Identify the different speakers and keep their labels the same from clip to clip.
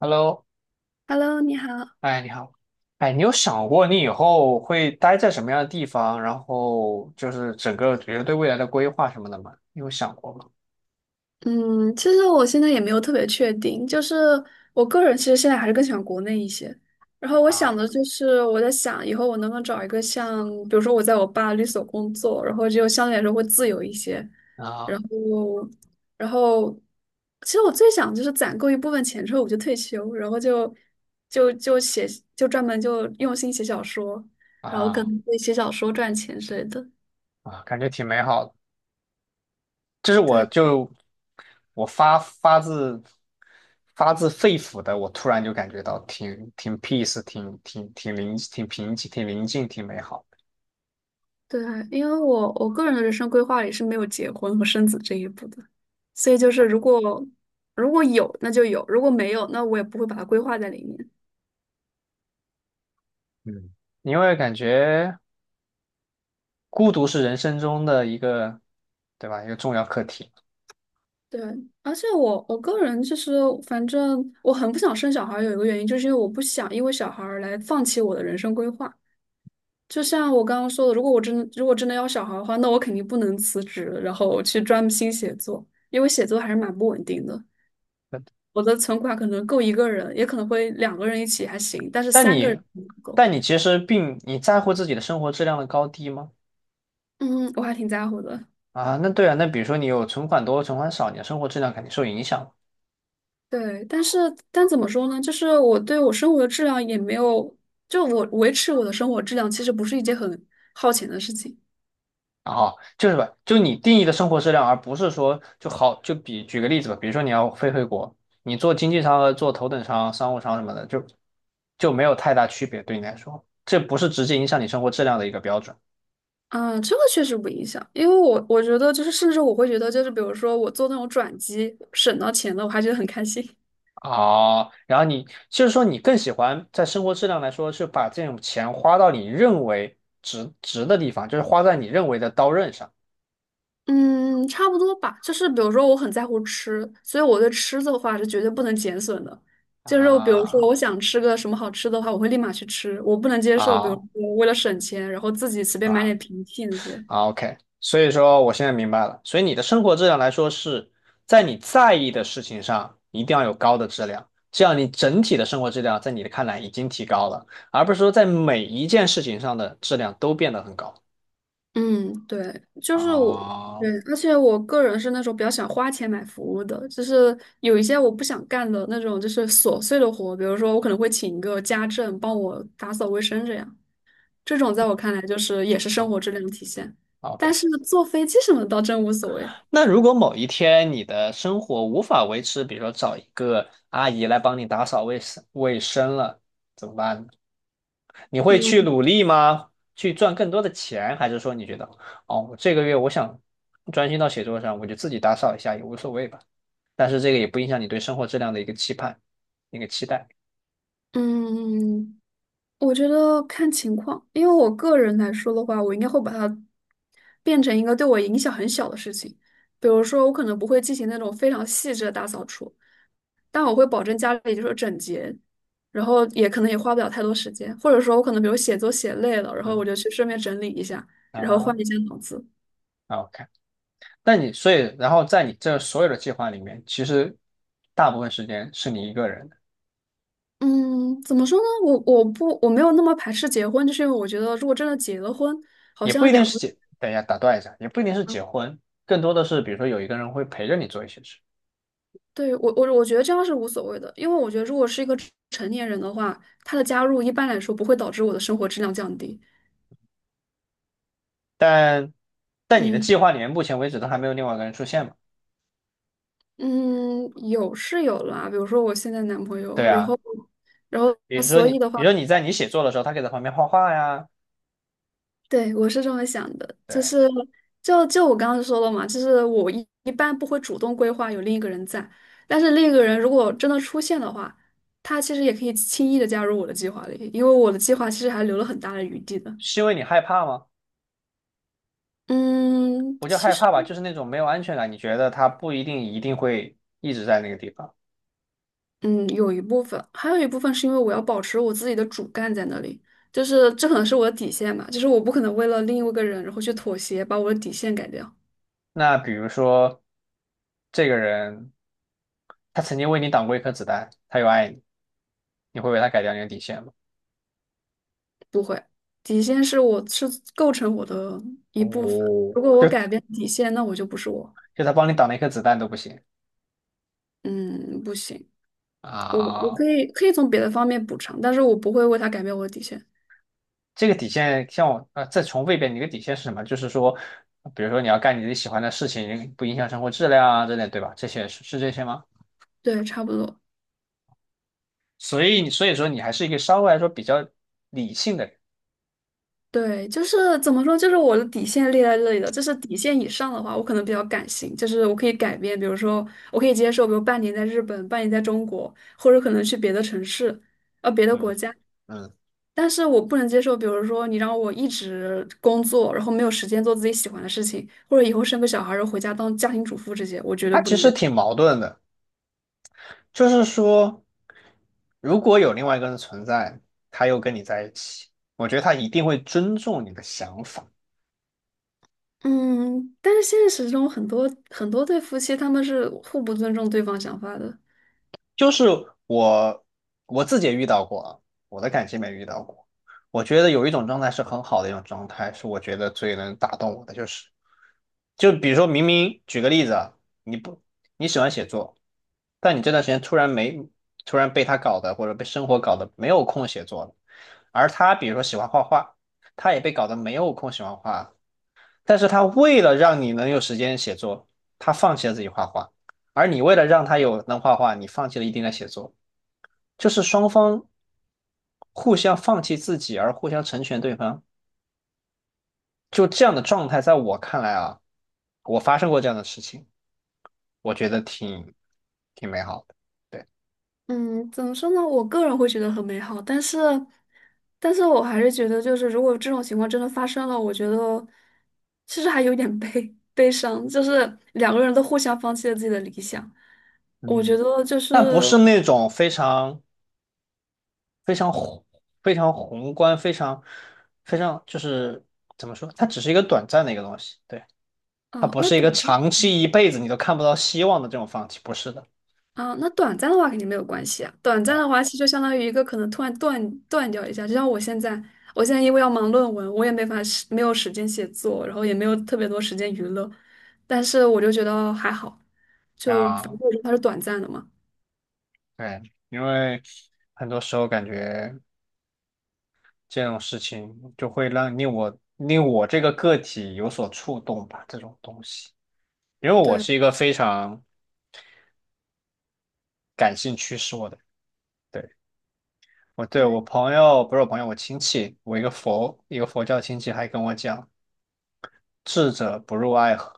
Speaker 1: Hello，
Speaker 2: Hello，你好。
Speaker 1: 哎，你好。哎，你有想过你以后会待在什么样的地方，然后就是整个觉得对未来的规划什么的吗？你有想过吗？
Speaker 2: 嗯，其实我现在也没有特别确定，就是我个人其实现在还是更喜欢国内一些。然后我想
Speaker 1: 啊
Speaker 2: 的就是，我在想以后我能不能找一个像，比如说我在我爸律所工作，然后就相对来说会自由一些。
Speaker 1: 啊
Speaker 2: 然后，然后，其实我最想就是攒够一部分钱之后我就退休，然后就就写，就专门就用心写小说，然后可
Speaker 1: 啊
Speaker 2: 能会写小说赚钱之类的。
Speaker 1: 啊！感觉挺美好的。这是我
Speaker 2: 对。
Speaker 1: 就我发自肺腑的，我突然就感觉到挺 peace，挺平静，挺宁静，挺美好的。
Speaker 2: 对啊，因为我个人的人生规划里是没有结婚和生子这一步的，所以就是如果有那就有，如果没有那我也不会把它规划在里面。
Speaker 1: 嗯，因为感觉孤独是人生中的一个，对吧？一个重要课题。
Speaker 2: 对，而且我个人就是反正我很不想生小孩儿，有一个原因就是因为我不想因为小孩儿来放弃我的人生规划。就像我刚刚说的，如果真的要小孩儿的话，那我肯定不能辞职，然后去专心写作，因为写作还是蛮不稳定的。我的存款可能够一个人，也可能会两个人一起还行，但是
Speaker 1: 但
Speaker 2: 三个人
Speaker 1: 你，
Speaker 2: 不够。
Speaker 1: 但你其实在乎自己的生活质量的高低吗？
Speaker 2: 嗯，我还挺在乎的。
Speaker 1: 啊，那对啊，那比如说你有存款多、存款少，你的生活质量肯定受影响。
Speaker 2: 对，但怎么说呢？就是我对我生活的质量也没有，就我维持我的生活质量，其实不是一件很耗钱的事情。
Speaker 1: 啊哈，就是吧，就你定义的生活质量，而不是说就好就比举个例子吧，比如说你要飞回国，你做经济舱和做头等舱、商务舱什么的，就没有太大区别对你来说，这不是直接影响你生活质量的一个标准。
Speaker 2: 啊，这个确实不影响，因为我觉得就是，甚至我会觉得就是，比如说我做那种转机省到钱了，我还觉得很开心。
Speaker 1: 啊，然后你就是说你更喜欢在生活质量来说，是把这种钱花到你认为值的地方，就是花在你认为的刀刃上。
Speaker 2: 嗯，差不多吧。就是比如说，我很在乎吃，所以我对吃的话是绝对不能减损的。就是比如说，
Speaker 1: 啊
Speaker 2: 我想吃个什么好吃的话，我会立马去吃。我不能接受，比如
Speaker 1: 啊
Speaker 2: 说为了省钱，然后自己随便买
Speaker 1: 啊
Speaker 2: 点平替那些。
Speaker 1: 啊！OK，所以说我现在明白了，所以你的生活质量来说是在你在意的事情上一定要有高的质量，这样你整体的生活质量在你的看来已经提高了，而不是说在每一件事情上的质量都变得很高。
Speaker 2: 嗯，对，就
Speaker 1: 啊。
Speaker 2: 是我，对，
Speaker 1: 哦，
Speaker 2: 而且我个人是那种比较喜欢花钱买服务的，就是有一些我不想干的那种，就是琐碎的活，比如说我可能会请一个家政帮我打扫卫生这样。这种在我看来就是也是生活质量的体现。但
Speaker 1: OK。
Speaker 2: 是坐飞机什么的倒真无所谓。
Speaker 1: 那如果某一天你的生活无法维持，比如说找一个阿姨来帮你打扫卫生了，怎么办呢？你会去
Speaker 2: 嗯
Speaker 1: 努力吗？去赚更多的钱，还是说你觉得，哦，我这个月我想专心到写作上，我就自己打扫一下也无所谓吧？但是这个也不影响你对生活质量的一个期盼，一个期待。
Speaker 2: 嗯，我觉得看情况，因为我个人来说的话，我应该会把它变成一个对我影响很小的事情。比如说，我可能不会进行那种非常细致的大扫除，但我会保证家里就是整洁，然后也可能也花不了太多时间。或者说，我可能比如写作写累了，然后我
Speaker 1: 嗯，
Speaker 2: 就去顺便整理一下，然后
Speaker 1: 啊
Speaker 2: 换一下脑子。
Speaker 1: ，OK。那你所以，然后在你这所有的计划里面，其实大部分时间是你一个人。
Speaker 2: 嗯，怎么说呢？我没有那么排斥结婚，就是因为我觉得如果真的结了婚，好
Speaker 1: 也不
Speaker 2: 像
Speaker 1: 一
Speaker 2: 两
Speaker 1: 定是
Speaker 2: 个，
Speaker 1: 结，等一下打断一下，也不一定是结婚，更多的是比如说有一个人会陪着你做一些事。
Speaker 2: 对，我觉得这样是无所谓的，因为我觉得如果是一个成年人的话，他的加入一般来说不会导致我的生活质量降低。
Speaker 1: 但在你的
Speaker 2: 嗯
Speaker 1: 计划里面目前为止都还没有另外一个人出现嘛？
Speaker 2: 嗯，有是有啦，比如说我现在男朋友，
Speaker 1: 对
Speaker 2: 然
Speaker 1: 啊，
Speaker 2: 后然后所以的话。
Speaker 1: 比如说你在你写作的时候，他可以在旁边画画呀。
Speaker 2: 对，我是这么想的，就
Speaker 1: 对，
Speaker 2: 是就我刚刚说了嘛，就是我一般不会主动规划有另一个人在，但是另一个人如果真的出现的话，他其实也可以轻易的加入我的计划里，因为我的计划其实还留了很大的余地的。
Speaker 1: 是因为你害怕吗？
Speaker 2: 嗯，
Speaker 1: 不叫
Speaker 2: 其
Speaker 1: 害
Speaker 2: 实
Speaker 1: 怕吧，就是那种没有安全感，你觉得他不一定一定会一直在那个地方。
Speaker 2: 嗯有一部分，还有一部分是因为我要保持我自己的主干在那里，就是这可能是我的底线嘛，就是我不可能为了另一个人然后去妥协，把我的底线改掉。
Speaker 1: 那比如说这个人，他曾经为你挡过一颗子弹，他又爱你，你会为他改掉你的底线吗？
Speaker 2: 不会，底线是我是构成我的一部分。
Speaker 1: 哦，
Speaker 2: 如果我
Speaker 1: 就
Speaker 2: 改变底线，那我就不是我。
Speaker 1: 就他帮你挡了一颗子弹都不行
Speaker 2: 嗯，不行，我可
Speaker 1: 啊。
Speaker 2: 以从别的方面补偿，但是我不会为他改变我的底线。
Speaker 1: 这个底线，像我啊，再重复一遍，你的底线是什么？就是说，比如说你要干你自己喜欢的事情，不影响生活质量啊之类，对吧？这些是这些吗？
Speaker 2: 对，差不多。
Speaker 1: 所以你所以说你还是一个稍微来说比较理性的人。
Speaker 2: 对，就是怎么说，就是我的底线列在这里的，就是底线以上的话，我可能比较感性，就是我可以改变，比如说我可以接受，比如半年在日本，半年在中国，或者可能去别的城市，别的国
Speaker 1: 嗯
Speaker 2: 家。
Speaker 1: 嗯，
Speaker 2: 但是我不能接受，比如说你让我一直工作，然后没有时间做自己喜欢的事情，或者以后生个小孩儿然后回家当家庭主妇这些，我绝对
Speaker 1: 他
Speaker 2: 不
Speaker 1: 其
Speaker 2: 能
Speaker 1: 实
Speaker 2: 接受。
Speaker 1: 挺矛盾的，就是说，如果有另外一个人存在，他又跟你在一起，我觉得他一定会尊重你的想法。
Speaker 2: 嗯，但是现实中很多对夫妻他们是互不尊重对方想法的。
Speaker 1: 就是我我自己也遇到过啊，我的感情没遇到过。我觉得有一种状态是很好的一种状态，是我觉得最能打动我的，就是比如说明明举个例子啊。你不你喜欢写作，但你这段时间突然没突然被他搞的或者被生活搞的没有空写作了，而他比如说喜欢画画，他也被搞得没有空喜欢画，但是他为了让你能有时间写作，他放弃了自己画画，而你为了让他有能画画，你放弃了一定的写作，就是双方互相放弃自己而互相成全对方，就这样的状态，在我看来啊，我发生过这样的事情，我觉得挺美好的。对，
Speaker 2: 嗯，怎么说呢？我个人会觉得很美好，但是我还是觉得，就是如果这种情况真的发生了，我觉得其实还有点悲伤，就是两个人都互相放弃了自己的理想。我
Speaker 1: 嗯，
Speaker 2: 觉得就
Speaker 1: 但不
Speaker 2: 是，
Speaker 1: 是那种非常非常宏非常宏观非常非常就是怎么说，它只是一个短暂的一个东西。对。它
Speaker 2: 哦，
Speaker 1: 不
Speaker 2: 那
Speaker 1: 是一
Speaker 2: 短。
Speaker 1: 个长期一辈子你都看不到希望的这种放弃，不是的。
Speaker 2: 啊，那短暂的话肯定没有关系啊。短暂
Speaker 1: 对
Speaker 2: 的话，其实就相当于一个可能突然断掉一下，就像我现在，我现在因为要忙论文，我也没法时没有时间写作，然后也没有特别多时间娱乐，但是我就觉得还好，就反
Speaker 1: 啊，
Speaker 2: 正它是短暂的嘛。
Speaker 1: 对，因为很多时候感觉这种事情就会让令我这个个体有所触动吧，这种东西，因为我
Speaker 2: 对。
Speaker 1: 是一个非常感性驱使我的人。对，我对我
Speaker 2: 对
Speaker 1: 朋友不是我朋友，我亲戚，我一个佛教亲戚还跟我讲，智者不入爱河。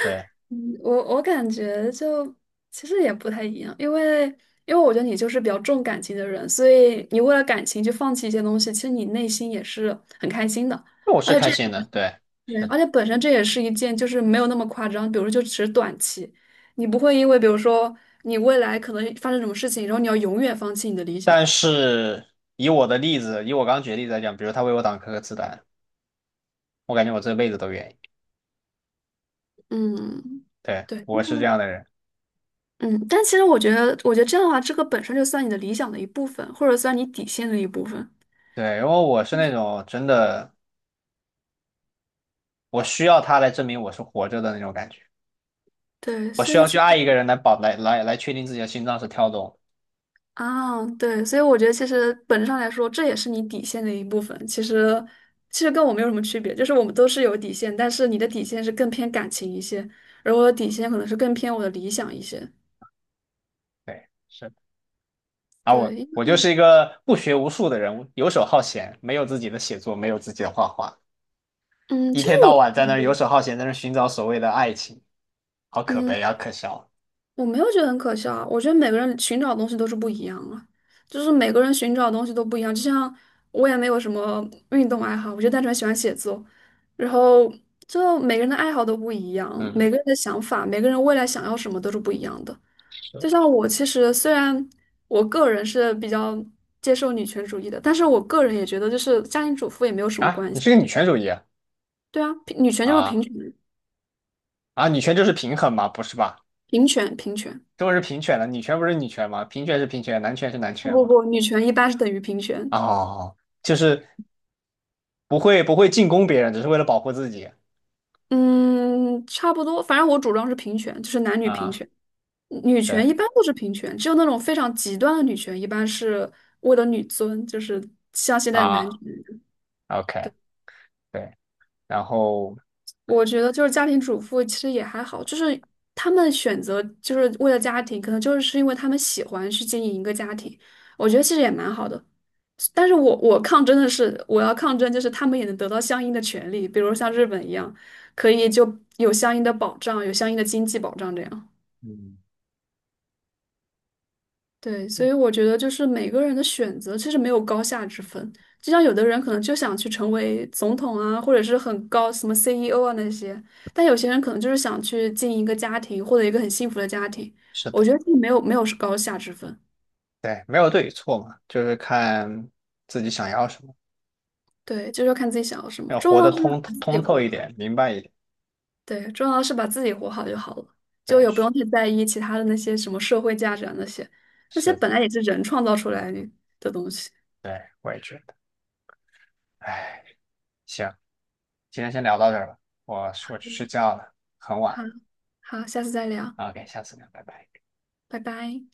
Speaker 1: 对，
Speaker 2: 嗯我感觉其实也不太一样，因为因为我觉得你就是比较重感情的人，所以你为了感情去放弃一些东西，其实你内心也是很开心的，
Speaker 1: 那我是
Speaker 2: 而且
Speaker 1: 开
Speaker 2: 这
Speaker 1: 心的。对，
Speaker 2: 对，而且本身这也是一件就是没有那么夸张，比如说就只是短期，你不会因为比如说你未来可能发生什么事情，然后你要永远放弃你的理想，
Speaker 1: 但是以我的例子，以我刚举的例子来讲，比如他为我挡颗子弹，我感觉我这辈子都愿意。
Speaker 2: 嗯。
Speaker 1: 对，
Speaker 2: 对。
Speaker 1: 我是这样的人。
Speaker 2: 嗯，但其实我觉得这样的话，这个本身就算你的理想的一部分，或者算你底线的一部分。
Speaker 1: 对，因为我是那种真的，我需要他来证明我是活着的那种感觉。
Speaker 2: 对，
Speaker 1: 我
Speaker 2: 所
Speaker 1: 需
Speaker 2: 以
Speaker 1: 要去
Speaker 2: 其
Speaker 1: 爱一个人来保来来来确定自己的心脏是跳动的。
Speaker 2: 啊，对，所以我觉得其实本质上来说，这也是你底线的一部分。其实跟我没有什么区别，就是我们都是有底线，但是你的底线是更偏感情一些，而我的底线可能是更偏我的理想一些。
Speaker 1: 对，是。而我
Speaker 2: 对，
Speaker 1: 我就是一个不学无术的人，游手好闲，没有自己的写作，没有自己的画画，
Speaker 2: 嗯，
Speaker 1: 一
Speaker 2: 其实
Speaker 1: 天到
Speaker 2: 我，
Speaker 1: 晚在那儿游手好闲，在那儿寻找所谓的爱情，好可
Speaker 2: 嗯，
Speaker 1: 悲，啊，可笑。
Speaker 2: 我没有觉得很可笑啊，我觉得每个人寻找的东西都是不一样啊，就是每个人寻找的东西都不一样。就像我也没有什么运动爱好，我就单纯喜欢写作，然后就每个人的爱好都不一样，
Speaker 1: 嗯
Speaker 2: 每
Speaker 1: 嗯，
Speaker 2: 个人的想法，每个人未来想要什么都是不一样的。就像我其实虽然我个人是比较接受女权主义的，但是我个人也觉得就是家庭主妇也没有什么
Speaker 1: 啊，
Speaker 2: 关
Speaker 1: 你
Speaker 2: 系。
Speaker 1: 是个女权主义啊？
Speaker 2: 对啊，平女权就是平
Speaker 1: 啊
Speaker 2: 权，
Speaker 1: 啊，女权就是平衡嘛，不是吧？
Speaker 2: 平权。
Speaker 1: 中国是平权的，女权不是女权吗？平权是平权，男权是男
Speaker 2: 不
Speaker 1: 权
Speaker 2: 不
Speaker 1: 嘛。
Speaker 2: 不，女权一般是等于平权。
Speaker 1: 哦，就是不会进攻别人，只是为了保护自己
Speaker 2: 嗯，差不多，反正我主张是平权，就是男女平
Speaker 1: 啊。
Speaker 2: 权。女
Speaker 1: 对
Speaker 2: 权一般都是平权，只有那种非常极端的女权，一般是为了女尊，就是像现在的男
Speaker 1: 啊
Speaker 2: 权。
Speaker 1: ，OK，对，然后
Speaker 2: 我觉得就是家庭主妇其实也还好，就是他们选择就是为了家庭，可能就是因为他们喜欢去经营一个家庭，我觉得其实也蛮好的。但是我抗争的是，我要抗争就是他们也能得到相应的权利，比如像日本一样，可以就有相应的保障，有相应的经济保障这样。
Speaker 1: 嗯，
Speaker 2: 对，所以我觉得就是每个人的选择其实没有高下之分，就像有的人可能就想去成为总统啊，或者是很高什么 CEO 啊那些，但有些人可能就是想去经营一个家庭，获得一个很幸福的家庭。
Speaker 1: 是
Speaker 2: 我
Speaker 1: 的，
Speaker 2: 觉得这没有高下之分，
Speaker 1: 对，没有对与错嘛，就是看自己想要什么，
Speaker 2: 对，就是要看自己想要什么，
Speaker 1: 要
Speaker 2: 重
Speaker 1: 活
Speaker 2: 要
Speaker 1: 得
Speaker 2: 的是
Speaker 1: 通
Speaker 2: 把自己
Speaker 1: 通透
Speaker 2: 活
Speaker 1: 一
Speaker 2: 的，
Speaker 1: 点，明白一点。
Speaker 2: 对，重要的是把自己活好就好了，就
Speaker 1: 对，
Speaker 2: 也不
Speaker 1: 是
Speaker 2: 用太在意其他的那些什么社会价值啊那些，那些
Speaker 1: 是的，
Speaker 2: 本来也是人创造出来的东西。
Speaker 1: 对，我也觉得。哎，行，今天先聊到这儿吧，我去睡觉了，很晚
Speaker 2: 好，
Speaker 1: 了。
Speaker 2: 好，下次再聊，
Speaker 1: OK，下次聊，拜拜。
Speaker 2: 拜拜。